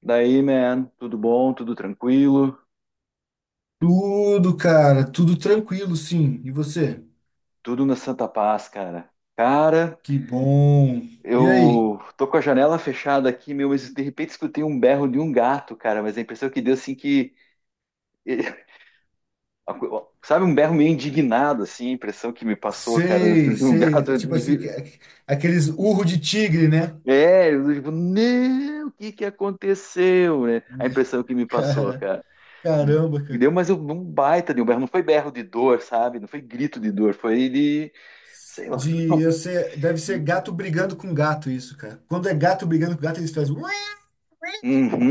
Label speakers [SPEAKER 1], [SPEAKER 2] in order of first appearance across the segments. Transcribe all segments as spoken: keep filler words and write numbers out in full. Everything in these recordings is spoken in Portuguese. [SPEAKER 1] Daí, man, tudo bom, tudo tranquilo,
[SPEAKER 2] Tudo, cara, tudo tranquilo, sim. E você?
[SPEAKER 1] tudo na Santa Paz, cara. Cara,
[SPEAKER 2] Que bom. E aí?
[SPEAKER 1] eu tô com a janela fechada aqui, meu, mas de repente escutei um berro de um gato, cara, mas a impressão que deu, assim, que... Sabe, um berro meio indignado, assim, a impressão que me passou, cara,
[SPEAKER 2] Sei,
[SPEAKER 1] um
[SPEAKER 2] sei. É,
[SPEAKER 1] gato...
[SPEAKER 2] tipo assim, que-
[SPEAKER 1] de-
[SPEAKER 2] é, aqueles urro de tigre, né?
[SPEAKER 1] É, eu, tipo, não, o que que aconteceu, né? A
[SPEAKER 2] Me-
[SPEAKER 1] impressão que me passou,
[SPEAKER 2] Cara,
[SPEAKER 1] cara.
[SPEAKER 2] caramba,
[SPEAKER 1] E
[SPEAKER 2] cara.
[SPEAKER 1] deu, mas eu, um baita de um berro, não foi berro de dor, sabe? Não foi grito de dor, foi de... Sei lá.
[SPEAKER 2] De, eu sei, deve ser gato brigando com gato isso, cara. Quando é gato brigando com gato, eles fazem, "Ué",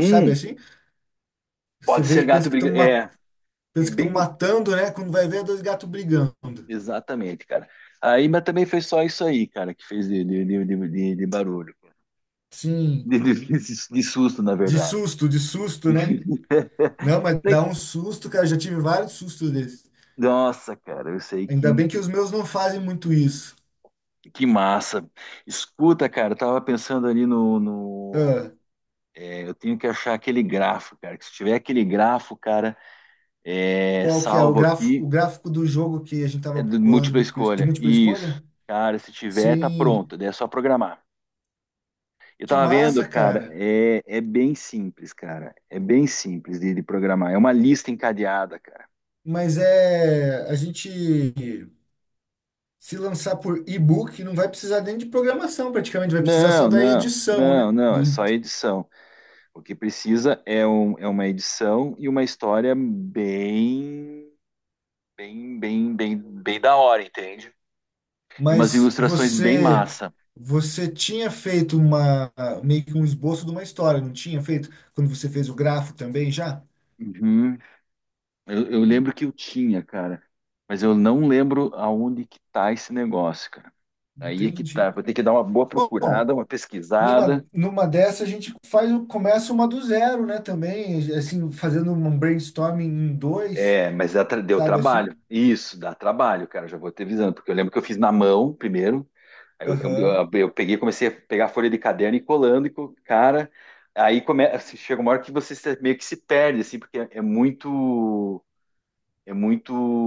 [SPEAKER 2] sabe assim? Você
[SPEAKER 1] pode ser
[SPEAKER 2] vê, pensa
[SPEAKER 1] gato
[SPEAKER 2] que estão
[SPEAKER 1] brigando. É, e
[SPEAKER 2] pensa que estão
[SPEAKER 1] bem,
[SPEAKER 2] matando, né? Quando vai ver, é dois gatos brigando.
[SPEAKER 1] exatamente, cara. Aí, mas também foi só isso aí, cara, que fez de, de, de, de, de- de barulho.
[SPEAKER 2] Sim,
[SPEAKER 1] De, de- de- de susto, na
[SPEAKER 2] de
[SPEAKER 1] verdade.
[SPEAKER 2] susto, de susto, né? Não, mas dá um susto, cara. Eu já tive vários sustos desses.
[SPEAKER 1] Nossa, cara, eu sei
[SPEAKER 2] Ainda
[SPEAKER 1] que,
[SPEAKER 2] bem que os meus não fazem muito isso.
[SPEAKER 1] que massa. Escuta, cara, eu tava pensando ali no, no-
[SPEAKER 2] Ah,
[SPEAKER 1] é, Eu tenho que achar aquele grafo, cara. Que se tiver aquele grafo, cara, é,
[SPEAKER 2] qual que é o
[SPEAKER 1] salvo
[SPEAKER 2] gráfico, o
[SPEAKER 1] aqui,
[SPEAKER 2] gráfico do jogo que a gente
[SPEAKER 1] é
[SPEAKER 2] tava
[SPEAKER 1] de
[SPEAKER 2] bolando de
[SPEAKER 1] múltipla
[SPEAKER 2] múltipla, de
[SPEAKER 1] escolha.
[SPEAKER 2] múltipla escolha?
[SPEAKER 1] Isso. Cara, se tiver, tá
[SPEAKER 2] Sim,
[SPEAKER 1] pronto. Daí é só programar. Eu
[SPEAKER 2] que
[SPEAKER 1] tava vendo,
[SPEAKER 2] massa,
[SPEAKER 1] cara,
[SPEAKER 2] cara.
[SPEAKER 1] é, é bem simples, cara. É bem simples de, de programar. É uma lista encadeada, cara.
[SPEAKER 2] Mas é a gente se lançar por e-book não vai precisar nem de programação, praticamente vai precisar só
[SPEAKER 1] Não,
[SPEAKER 2] da
[SPEAKER 1] não,
[SPEAKER 2] edição,
[SPEAKER 1] não,
[SPEAKER 2] né?
[SPEAKER 1] não. É
[SPEAKER 2] Do-
[SPEAKER 1] só edição. O que precisa é, um, é uma edição e uma história bem, bem, bem, bem, bem da hora, entende? E umas
[SPEAKER 2] mas
[SPEAKER 1] ilustrações bem
[SPEAKER 2] você
[SPEAKER 1] massa.
[SPEAKER 2] você tinha feito uma meio que um esboço de uma história, não tinha feito quando você fez o gráfico também já?
[SPEAKER 1] Uhum. Eu, eu
[SPEAKER 2] En-
[SPEAKER 1] lembro que eu tinha, cara, mas eu não lembro aonde que tá esse negócio, cara. Aí é que tá.
[SPEAKER 2] Entendi.
[SPEAKER 1] Vou ter que dar uma boa
[SPEAKER 2] Bom,
[SPEAKER 1] procurada, uma pesquisada.
[SPEAKER 2] Numa, numa dessa a gente faz, começa uma do zero, né, também, assim, fazendo um brainstorming em dois,
[SPEAKER 1] É, mas dá tra- deu
[SPEAKER 2] sabe
[SPEAKER 1] trabalho.
[SPEAKER 2] assim?
[SPEAKER 1] Isso, dá trabalho, cara. Já vou te avisando, porque eu lembro que eu fiz na mão primeiro. Aí eu, eu,
[SPEAKER 2] Aham.
[SPEAKER 1] eu- eu peguei, comecei a pegar a folha de caderno e colando, e co- cara. Aí come, assim, chega uma hora que você se- meio que se perde, assim, porque é, é muito. É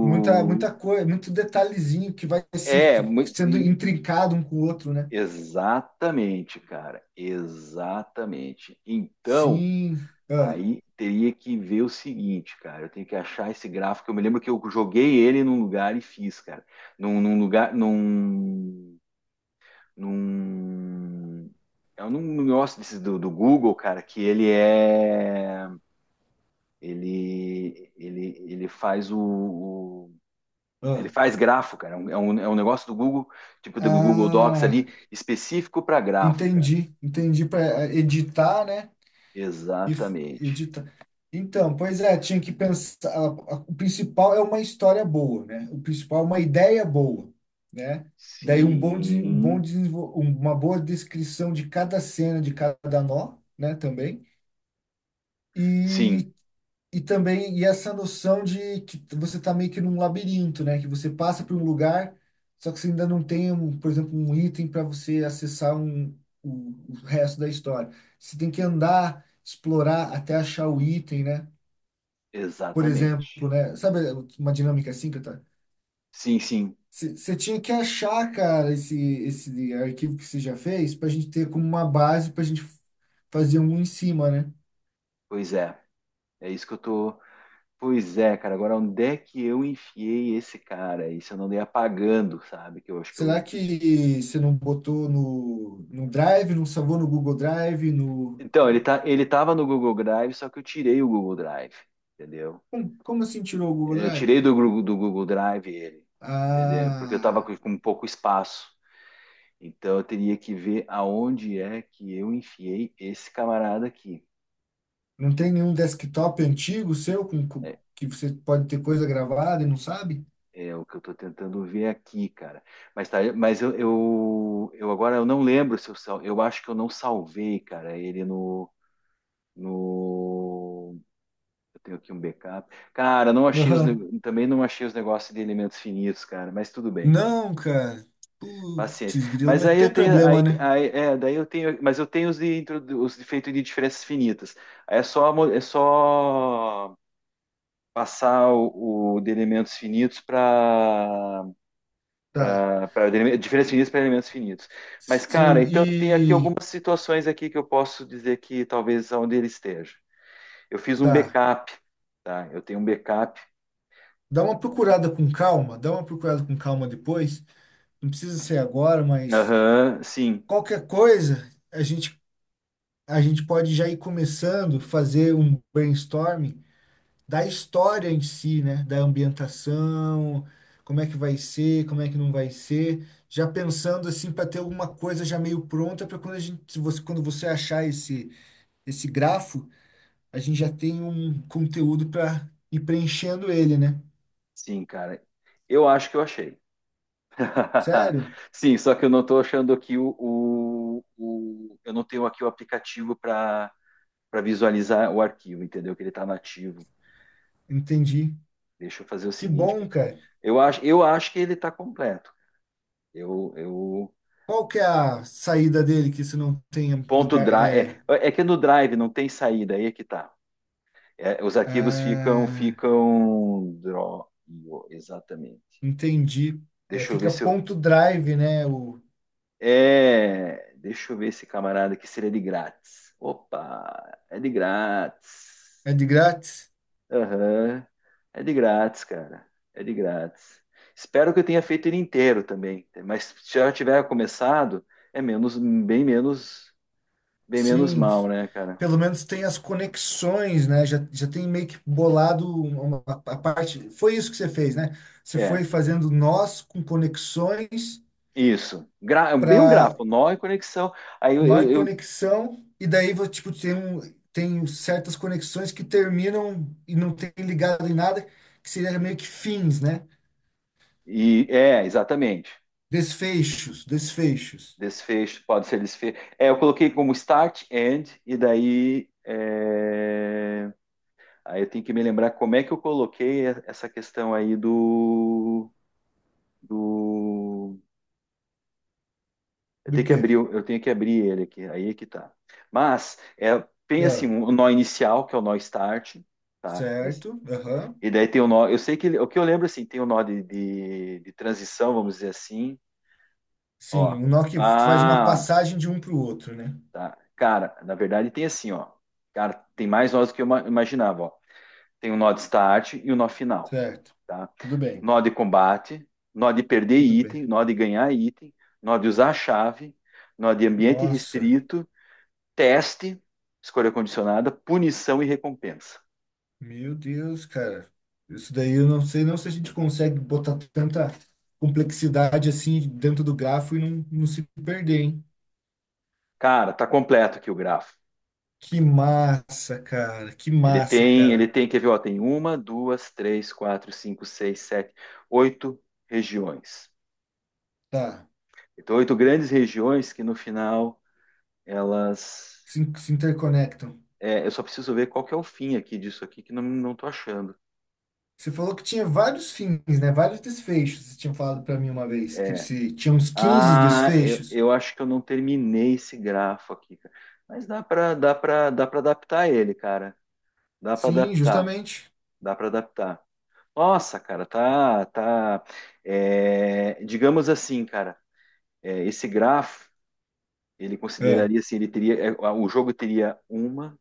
[SPEAKER 2] Muita, muita coisa, muito detalhezinho que vai se
[SPEAKER 1] É,
[SPEAKER 2] f-
[SPEAKER 1] mu-
[SPEAKER 2] sendo
[SPEAKER 1] e-
[SPEAKER 2] intrincado um com o outro, né?
[SPEAKER 1] Exatamente, cara. Exatamente. Então.
[SPEAKER 2] Sim. Ah,
[SPEAKER 1] Aí teria que ver o seguinte, cara. Eu tenho que achar esse gráfico. Eu me lembro que eu joguei ele num lugar e fiz, cara. Num, num lugar. Num. Num. É um negócio desses do, do Google, cara, que ele é. Ele. Ele, ele faz o, o-
[SPEAKER 2] ah.
[SPEAKER 1] Ele faz grafo, cara. É um, é um é um negócio do Google, tipo do Google Docs
[SPEAKER 2] Ah,
[SPEAKER 1] ali, específico para grafo, cara.
[SPEAKER 2] entendi, entendi, para editar, né? E f-
[SPEAKER 1] Exatamente.
[SPEAKER 2] edita. Então, pois é, tinha que pensar. a- a- O principal é uma história boa, né? O principal é uma ideia boa, né? Daí um bom, desen- um bom
[SPEAKER 1] Sim.
[SPEAKER 2] desenvol- uma boa descrição de cada cena, de cada nó, né? Também.
[SPEAKER 1] Sim,
[SPEAKER 2] E e também, e essa noção de que você está meio que num labirinto, né? Que você passa por um lugar, só que você ainda não tem, um, por exemplo, um item para você acessar um, o, o resto da história. Você tem que andar, explorar até achar o item, né? Por
[SPEAKER 1] exatamente.
[SPEAKER 2] exemplo, né? Sabe uma dinâmica assim que eu tá?
[SPEAKER 1] Sim, sim,
[SPEAKER 2] Você tinha que achar, cara, esse, esse arquivo que você já fez para a gente ter como uma base para a gente fazer um em cima, né?
[SPEAKER 1] pois é. É isso que eu tô. Pois é, cara. Agora, onde é que eu enfiei esse cara? Isso eu não dei apagando, sabe? Que eu acho que eu.
[SPEAKER 2] Será que você não botou no, no Drive, não salvou no Google Drive, no...
[SPEAKER 1] Então, ele tá, ele tava no Google Drive, só que eu tirei o Google Drive, entendeu?
[SPEAKER 2] Como, como assim tirou o Google
[SPEAKER 1] Eu
[SPEAKER 2] Drive,
[SPEAKER 1] tirei do,
[SPEAKER 2] cara?
[SPEAKER 1] Gru- do Google Drive ele, entendeu? Porque eu tava
[SPEAKER 2] Ah,
[SPEAKER 1] com, com pouco espaço. Então, eu teria que ver aonde é que eu enfiei esse camarada aqui.
[SPEAKER 2] não tem nenhum desktop antigo seu com, com-
[SPEAKER 1] É,
[SPEAKER 2] que você pode ter coisa gravada e não sabe?
[SPEAKER 1] É o que eu estou tentando ver aqui, cara. Mas tá, mas eu, eu, eu agora eu não lembro se eu sal, eu acho que eu não salvei, cara, ele no, no Eu tenho aqui um backup. Cara, não achei os
[SPEAKER 2] Aham.
[SPEAKER 1] ne- também não achei os negócios de elementos finitos, cara, mas tudo bem.
[SPEAKER 2] Não, cara.
[SPEAKER 1] Paciência.
[SPEAKER 2] Putz, grilo,
[SPEAKER 1] Mas
[SPEAKER 2] mas
[SPEAKER 1] aí eu
[SPEAKER 2] tem
[SPEAKER 1] tenho aí,
[SPEAKER 2] problema, né?
[SPEAKER 1] aí é, daí eu tenho, mas eu tenho os de, intro- os de feito de diferenças finitas. Aí é só mo- é só passar o, o de elementos finitos para
[SPEAKER 2] Tá.
[SPEAKER 1] para diferenças finitas para elementos finitos. Mas,
[SPEAKER 2] Sim,
[SPEAKER 1] cara, então tem aqui
[SPEAKER 2] e
[SPEAKER 1] algumas situações aqui que eu posso dizer que talvez onde ele esteja. Eu fiz um
[SPEAKER 2] tá.
[SPEAKER 1] backup, tá? Eu tenho um backup.
[SPEAKER 2] Dá uma procurada com calma, dá uma procurada com calma depois. Não precisa ser agora, mas
[SPEAKER 1] Aham, sim,
[SPEAKER 2] qualquer coisa a gente a gente pode já ir começando, fazer um brainstorming da história em si, né? Da ambientação, como é que vai ser, como é que não vai ser, já pensando assim para ter alguma coisa já meio pronta para quando a gente, se você, quando você achar esse esse grafo, a gente já tem um conteúdo para ir preenchendo ele, né?
[SPEAKER 1] sim, cara. Eu acho que eu achei.
[SPEAKER 2] Sério?
[SPEAKER 1] Sim, só que eu não estou achando aqui o, o- o- eu não tenho aqui o aplicativo para para visualizar o arquivo, entendeu? Que ele está nativo.
[SPEAKER 2] Entendi.
[SPEAKER 1] Deixa eu fazer o
[SPEAKER 2] Que
[SPEAKER 1] seguinte,
[SPEAKER 2] bom,
[SPEAKER 1] cara.
[SPEAKER 2] cara.
[SPEAKER 1] Eu acho, eu acho que ele está completo. Eu, eu,
[SPEAKER 2] Qual que é a saída dele que se não tem
[SPEAKER 1] ponto
[SPEAKER 2] lugar?
[SPEAKER 1] drive.
[SPEAKER 2] É...
[SPEAKER 1] É, é que no drive não tem saída, aí é que tá. É, os arquivos ficam,
[SPEAKER 2] Ah.
[SPEAKER 1] ficam. dro- Exatamente.
[SPEAKER 2] Entendi. É,
[SPEAKER 1] Deixa eu ver
[SPEAKER 2] fica
[SPEAKER 1] se eu.
[SPEAKER 2] ponto drive, né? O,
[SPEAKER 1] É, deixa eu ver esse camarada aqui seria de grátis. Opa, é de grátis.
[SPEAKER 2] é de grátis?
[SPEAKER 1] Aham, é de grátis, cara. É de grátis. Espero que eu tenha feito ele inteiro também, mas se já tiver começado, é menos, bem menos, bem menos
[SPEAKER 2] Sim.
[SPEAKER 1] mal, né, cara?
[SPEAKER 2] Pelo menos tem as conexões, né? Já, já tem meio que bolado uma, a parte. Foi isso que você fez, né? Você
[SPEAKER 1] É.
[SPEAKER 2] foi fazendo nós com conexões
[SPEAKER 1] Isso. Gra- é bem um
[SPEAKER 2] para
[SPEAKER 1] grafo, nó e conexão. Aí eu,
[SPEAKER 2] nó e
[SPEAKER 1] eu- eu-
[SPEAKER 2] conexão, e daí vo- tipo, tem, um- tem certas conexões que terminam e não tem ligado em nada, que seria meio que fins, né?
[SPEAKER 1] e é, exatamente.
[SPEAKER 2] Desfechos, desfechos.
[SPEAKER 1] Desfecho, pode ser desfecho. É, eu coloquei como start, end, e daí. é, aí eu tenho que me lembrar como é que eu coloquei e- essa questão aí do, do... Eu
[SPEAKER 2] Do
[SPEAKER 1] tenho que
[SPEAKER 2] quê?
[SPEAKER 1] abrir, o- eu tenho que abrir ele aqui, aí é que tá. Mas é, tem assim,
[SPEAKER 2] Ah.
[SPEAKER 1] o nó inicial, que é o nó start, tá?
[SPEAKER 2] Certo. Aham.
[SPEAKER 1] E daí tem o nó. Eu sei que ele- o que eu lembro assim, tem o nó de, de, de transição, vamos dizer assim.
[SPEAKER 2] Sim,
[SPEAKER 1] Ó.
[SPEAKER 2] o nó que faz uma
[SPEAKER 1] Ah,
[SPEAKER 2] passagem de um para o outro, né?
[SPEAKER 1] tá. Cara, na verdade tem assim, ó. Cara, tem mais nós do que eu ima- imaginava, ó. Tem o nó de start e o nó final,
[SPEAKER 2] Certo.
[SPEAKER 1] tá?
[SPEAKER 2] Tudo bem,
[SPEAKER 1] Nó de combate, nó de perder
[SPEAKER 2] tudo bem.
[SPEAKER 1] item, nó de ganhar item, nó de usar a chave, nó de ambiente
[SPEAKER 2] Nossa,
[SPEAKER 1] restrito, teste, escolha condicionada, punição e recompensa.
[SPEAKER 2] meu Deus, cara. Isso daí eu não sei não se a gente consegue botar tanta complexidade assim dentro do grafo e não, não se perder, hein?
[SPEAKER 1] Cara, tá completo aqui o grafo.
[SPEAKER 2] Que massa, cara. Que
[SPEAKER 1] Ele
[SPEAKER 2] massa,
[SPEAKER 1] tem, ele
[SPEAKER 2] cara.
[SPEAKER 1] tem, quer ver, ó, tem uma, duas, três, quatro, cinco, seis, sete, oito regiões.
[SPEAKER 2] Tá.
[SPEAKER 1] Então, oito grandes regiões que no final elas.
[SPEAKER 2] Se, se interconectam.
[SPEAKER 1] É, eu só preciso ver qual que é o fim aqui disso aqui, que não, não tô achando.
[SPEAKER 2] Você falou que tinha vários fins, né? Vários desfechos. Você tinha falado para mim uma vez que
[SPEAKER 1] é
[SPEAKER 2] se tinha uns quinze
[SPEAKER 1] Ah, eu,
[SPEAKER 2] desfechos.
[SPEAKER 1] eu acho que eu não terminei esse grafo aqui, cara. Mas dá para dá para dá para adaptar ele, cara. Dá para
[SPEAKER 2] Sim,
[SPEAKER 1] adaptar,
[SPEAKER 2] justamente.
[SPEAKER 1] dá para adaptar. Nossa, cara, tá tá é, digamos assim, cara, é, esse grafo ele
[SPEAKER 2] É.
[SPEAKER 1] consideraria assim, ele teria, é, o jogo teria uma,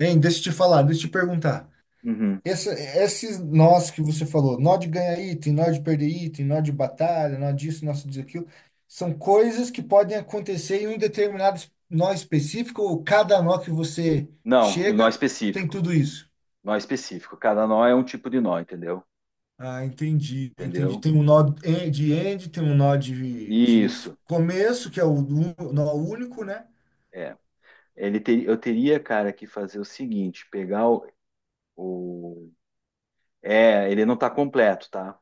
[SPEAKER 2] Hein, deixa eu te falar, deixa eu te perguntar.
[SPEAKER 1] uhum.
[SPEAKER 2] Essa, esses nós que você falou, nó de ganhar item, nó de perder item, nó de batalha, nó disso, nó disso, aquilo, são coisas que podem acontecer em um determinado es- nó específico, ou cada nó que você
[SPEAKER 1] Não, e nó
[SPEAKER 2] chega tem
[SPEAKER 1] específico,
[SPEAKER 2] tudo isso.
[SPEAKER 1] nó específico. Cada nó é um tipo de nó, entendeu?
[SPEAKER 2] Ah, entendi, entendi.
[SPEAKER 1] Entendeu?
[SPEAKER 2] Tem um nó en- de end, tem um nó de, de f-
[SPEAKER 1] Isso,
[SPEAKER 2] começo, que é o un- nó único, né?
[SPEAKER 1] é. Ele ter, eu teria, cara, que fazer o seguinte, pegar o, o- é, ele não tá completo, tá?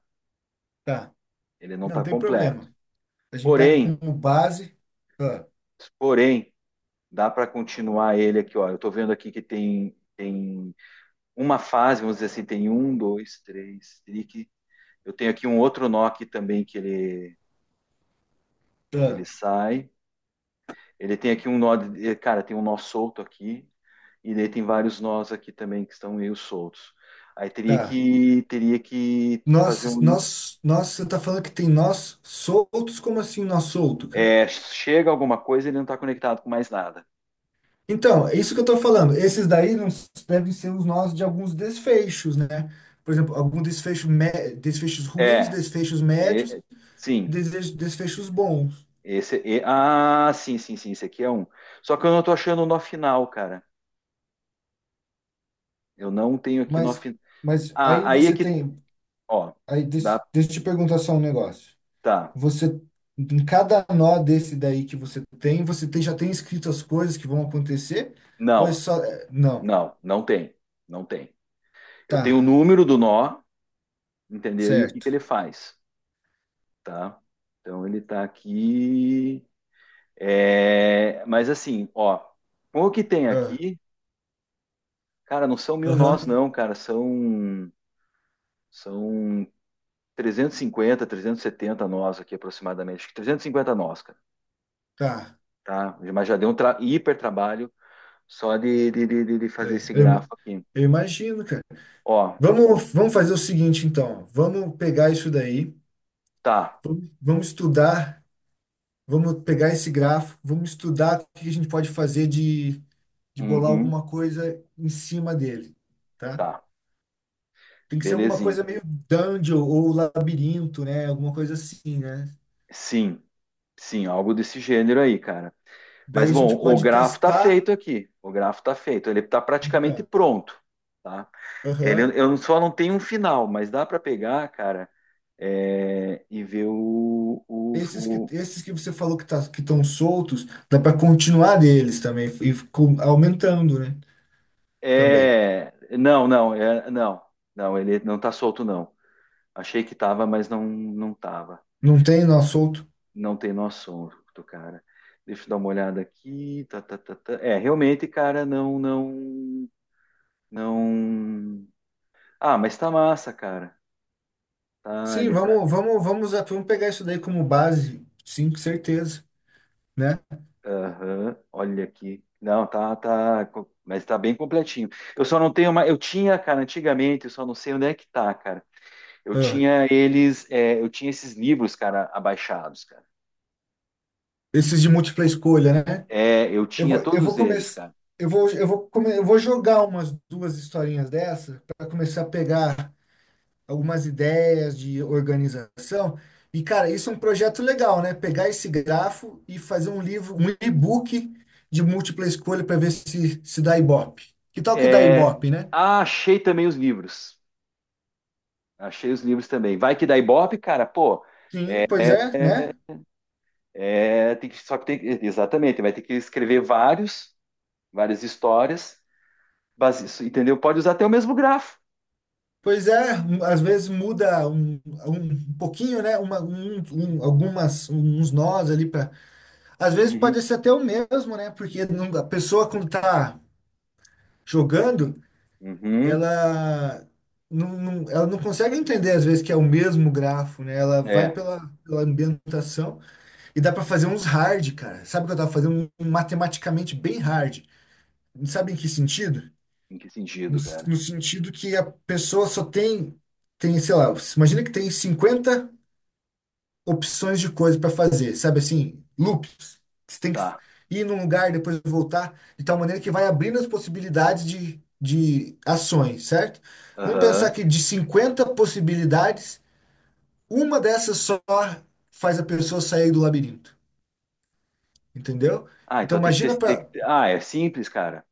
[SPEAKER 2] Tá,
[SPEAKER 1] Ele não
[SPEAKER 2] não
[SPEAKER 1] tá
[SPEAKER 2] tem
[SPEAKER 1] completo.
[SPEAKER 2] problema. A gente pega
[SPEAKER 1] Porém,
[SPEAKER 2] como base. Ah,
[SPEAKER 1] porém, dá para continuar ele aqui, ó. Eu tô vendo aqui que tem tem uma fase, vamos dizer assim, tem um, dois, três, trique. Eu tenho aqui um outro nó aqui também que ele
[SPEAKER 2] ah.
[SPEAKER 1] ele sai. Ele tem aqui um nó, de- eh, cara, tem um nó solto aqui, e daí tem vários nós aqui também que estão meio soltos. Aí teria
[SPEAKER 2] Tá.
[SPEAKER 1] que teria que fazer
[SPEAKER 2] Nós,
[SPEAKER 1] um.
[SPEAKER 2] nós, nós, você tá falando que tem nós soltos? Como assim nós solto, cara?
[SPEAKER 1] É, chega alguma coisa, e ele não está conectado com mais nada.
[SPEAKER 2] Então, é isso que eu tô falando. Esses daí não s- devem ser os nós de alguns desfechos, né? Por exemplo, algum desfecho, mé- desfechos ruins,
[SPEAKER 1] É,
[SPEAKER 2] desfechos médios,
[SPEAKER 1] é, sim.
[SPEAKER 2] desfechos, desfechos bons.
[SPEAKER 1] Esse é, ah, sim, sim, sim, esse aqui é um. Só que eu não estou achando o nó final, cara. Eu não tenho aqui nó
[SPEAKER 2] Mas,
[SPEAKER 1] final.
[SPEAKER 2] mas aí
[SPEAKER 1] Ah, aí é
[SPEAKER 2] você
[SPEAKER 1] que,
[SPEAKER 2] tem,
[SPEAKER 1] ó,
[SPEAKER 2] aí
[SPEAKER 1] dá,
[SPEAKER 2] des- deixa eu te perguntar só um negócio.
[SPEAKER 1] tá.
[SPEAKER 2] Você, em cada nó desse daí que você tem, você tem, já tem escrito as coisas que vão acontecer? Ou é
[SPEAKER 1] Não,
[SPEAKER 2] só, é, não,
[SPEAKER 1] não, não tem. Não tem. Eu tenho o
[SPEAKER 2] tá.
[SPEAKER 1] número do nó, entendeu? E o que que
[SPEAKER 2] Certo.
[SPEAKER 1] ele faz, tá? Então ele tá aqui, é, mas assim, ó, com o que tem
[SPEAKER 2] Ah,
[SPEAKER 1] aqui, cara, não são mil nós
[SPEAKER 2] aham.
[SPEAKER 1] não, cara, são são trezentos trezentos e cinquenta, trezentos e setenta nós aqui aproximadamente. Acho que trezentos e cinquenta nós, cara,
[SPEAKER 2] Tá.
[SPEAKER 1] tá? Mas já deu um tra- hiper trabalho só de, de, de, de- de
[SPEAKER 2] É,
[SPEAKER 1] fazer esse
[SPEAKER 2] eu,
[SPEAKER 1] grafo
[SPEAKER 2] ima-
[SPEAKER 1] aqui.
[SPEAKER 2] eu imagino, cara.
[SPEAKER 1] Ó,
[SPEAKER 2] Vamos, vamos fazer o seguinte, então. Vamos pegar isso daí,
[SPEAKER 1] tá,
[SPEAKER 2] vamos, vamos estudar, vamos pegar esse grafo, vamos estudar o que a gente pode fazer de, de bolar
[SPEAKER 1] uhum,
[SPEAKER 2] alguma coisa em cima dele, tá?
[SPEAKER 1] tá,
[SPEAKER 2] Tem que ser alguma
[SPEAKER 1] belezinha.
[SPEAKER 2] coisa meio dungeon ou labirinto, né? Alguma coisa assim, né?
[SPEAKER 1] Sim, sim, algo desse gênero aí, cara.
[SPEAKER 2] Daí
[SPEAKER 1] Mas
[SPEAKER 2] a
[SPEAKER 1] bom,
[SPEAKER 2] gente
[SPEAKER 1] o
[SPEAKER 2] pode
[SPEAKER 1] grafo está
[SPEAKER 2] testar.
[SPEAKER 1] feito aqui. O grafo está feito. Ele está praticamente
[SPEAKER 2] Então,
[SPEAKER 1] pronto, tá? Ele,
[SPEAKER 2] aham.
[SPEAKER 1] eu só não tenho um final, mas dá para pegar, cara, é, e ver o, o,
[SPEAKER 2] Esses que,
[SPEAKER 1] o-
[SPEAKER 2] esses que você falou que tá, que estão soltos, dá para continuar deles também e com- aumentando, né? Também.
[SPEAKER 1] é, não, não, é, não, não. Ele não tá solto não. Achei que tava, mas não, não tava.
[SPEAKER 2] Não tem nó solto?
[SPEAKER 1] Não tem noção do cara. Deixa eu dar uma olhada aqui. Tá, tá, tá, tá. É, realmente, cara, não, não, não. Ah, mas tá massa, cara. Tá,
[SPEAKER 2] Sim,
[SPEAKER 1] ele
[SPEAKER 2] vamos, vamos, vamos, a- vamos pegar isso daí como base, sim, com certeza, né?
[SPEAKER 1] Aham, olha aqui. Não, tá, tá, co- mas tá bem completinho. Eu só não tenho uma, eu tinha, cara, antigamente, eu só não sei onde é que tá, cara. Eu
[SPEAKER 2] Ah,
[SPEAKER 1] tinha eles, é, eu tinha esses livros, cara, abaixados, cara.
[SPEAKER 2] esses de múltipla escolha, né?
[SPEAKER 1] É, eu
[SPEAKER 2] Eu
[SPEAKER 1] tinha
[SPEAKER 2] vou, eu vou
[SPEAKER 1] todos eles,
[SPEAKER 2] começar,
[SPEAKER 1] cara.
[SPEAKER 2] eu vou, eu vou, come, eu vou jogar umas duas historinhas dessa para começar a pegar algumas ideias de organização. E, cara, isso é um projeto legal, né? Pegar esse grafo e fazer um livro, um e-book de múltipla escolha para ver se, se dá Ibope. Que tal que dá
[SPEAKER 1] É,
[SPEAKER 2] Ibope, né?
[SPEAKER 1] ah, achei também os livros. Achei os livros também. Vai que dá Ibope, cara, pô.
[SPEAKER 2] Sim, pois é, né?
[SPEAKER 1] É, tem que, só que tem, exatamente, vai ter que escrever vários, várias histórias, base, entendeu? Pode usar até o mesmo grafo.
[SPEAKER 2] Pois é, um- às vezes muda um, um pouquinho, né? Uma, um, um- algumas, uns nós ali para. Às vezes pode
[SPEAKER 1] Uhum,
[SPEAKER 2] ser até o mesmo, né? Porque não- a pessoa quando tá jogando.
[SPEAKER 1] uhum.
[SPEAKER 2] ela não, não- ela não consegue entender às vezes que é o mesmo grafo, né? Ela vai
[SPEAKER 1] É.
[SPEAKER 2] pela, pela ambientação e dá para fazer uns hard, cara. Sabe o que eu tava fazendo? Um matematicamente bem hard. Sabe em que sentido?
[SPEAKER 1] Em que
[SPEAKER 2] No,
[SPEAKER 1] sentido,
[SPEAKER 2] no
[SPEAKER 1] cara?
[SPEAKER 2] sentido que a pessoa só tem, tem, sei lá, imagina que tem cinquenta opções de coisa para fazer, sabe assim, loops. Você tem que
[SPEAKER 1] Tá.
[SPEAKER 2] ir num lugar, depois voltar, de tal maneira que vai abrindo as possibilidades de, de ações, certo? Vamos pensar
[SPEAKER 1] Aham.
[SPEAKER 2] que de cinquenta possibilidades, uma dessas só faz a pessoa sair do labirinto, entendeu?
[SPEAKER 1] Ah,
[SPEAKER 2] Então
[SPEAKER 1] então tem que ter,
[SPEAKER 2] imagina
[SPEAKER 1] tem que
[SPEAKER 2] para
[SPEAKER 1] ter- ah, é simples, cara.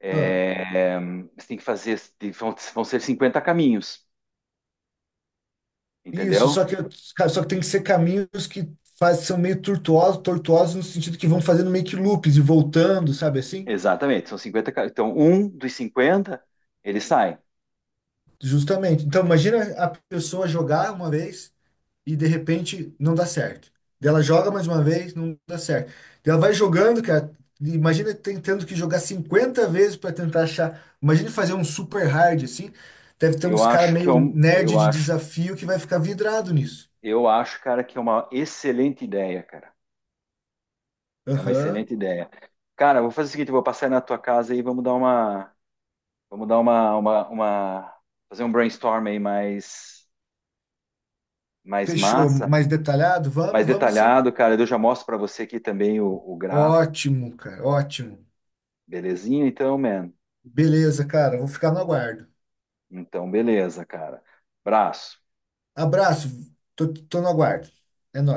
[SPEAKER 1] É, é, você tem que fazer. tem- Vão, vão ser cinquenta caminhos,
[SPEAKER 2] isso,
[SPEAKER 1] entendeu?
[SPEAKER 2] só que só que tem que ser caminhos que faz, são meio tortuosos, tortuosos no sentido que vão fazendo meio que loops e voltando, sabe assim?
[SPEAKER 1] Exatamente. São cinquenta. ca- Então, um dos cinquenta, ele sai.
[SPEAKER 2] Justamente. Então, imagina a pessoa jogar uma vez e de repente não dá certo. Daí ela joga mais uma vez, não dá certo. Daí ela vai jogando, cara. Imagina tentando que jogar cinquenta vezes para tentar achar. Imagina fazer um super hard assim. Deve ter
[SPEAKER 1] Eu
[SPEAKER 2] uns cara
[SPEAKER 1] acho que é
[SPEAKER 2] meio
[SPEAKER 1] um,
[SPEAKER 2] nerd
[SPEAKER 1] eu
[SPEAKER 2] de
[SPEAKER 1] acho,
[SPEAKER 2] desafio que vai ficar vidrado nisso.
[SPEAKER 1] eu acho, cara, que é uma excelente ideia, cara. É uma
[SPEAKER 2] Aham.
[SPEAKER 1] excelente ideia. Cara, eu vou fazer o seguinte, eu vou passar aí na tua casa e vamos dar uma, vamos dar uma, uma, uma- fazer um brainstorm aí mais, mais
[SPEAKER 2] Fechou.
[SPEAKER 1] massa.
[SPEAKER 2] Mais detalhado?
[SPEAKER 1] Mais
[SPEAKER 2] Vamos, vamos sim.
[SPEAKER 1] detalhado, cara. Eu já mostro para você aqui também o, o gráfico,
[SPEAKER 2] Ótimo, cara. Ótimo.
[SPEAKER 1] belezinha? Então, man.
[SPEAKER 2] Beleza, cara. Vou ficar no aguardo.
[SPEAKER 1] Então, beleza, cara. Abraço.
[SPEAKER 2] Abraço. Tô, tô no aguardo. É nóis.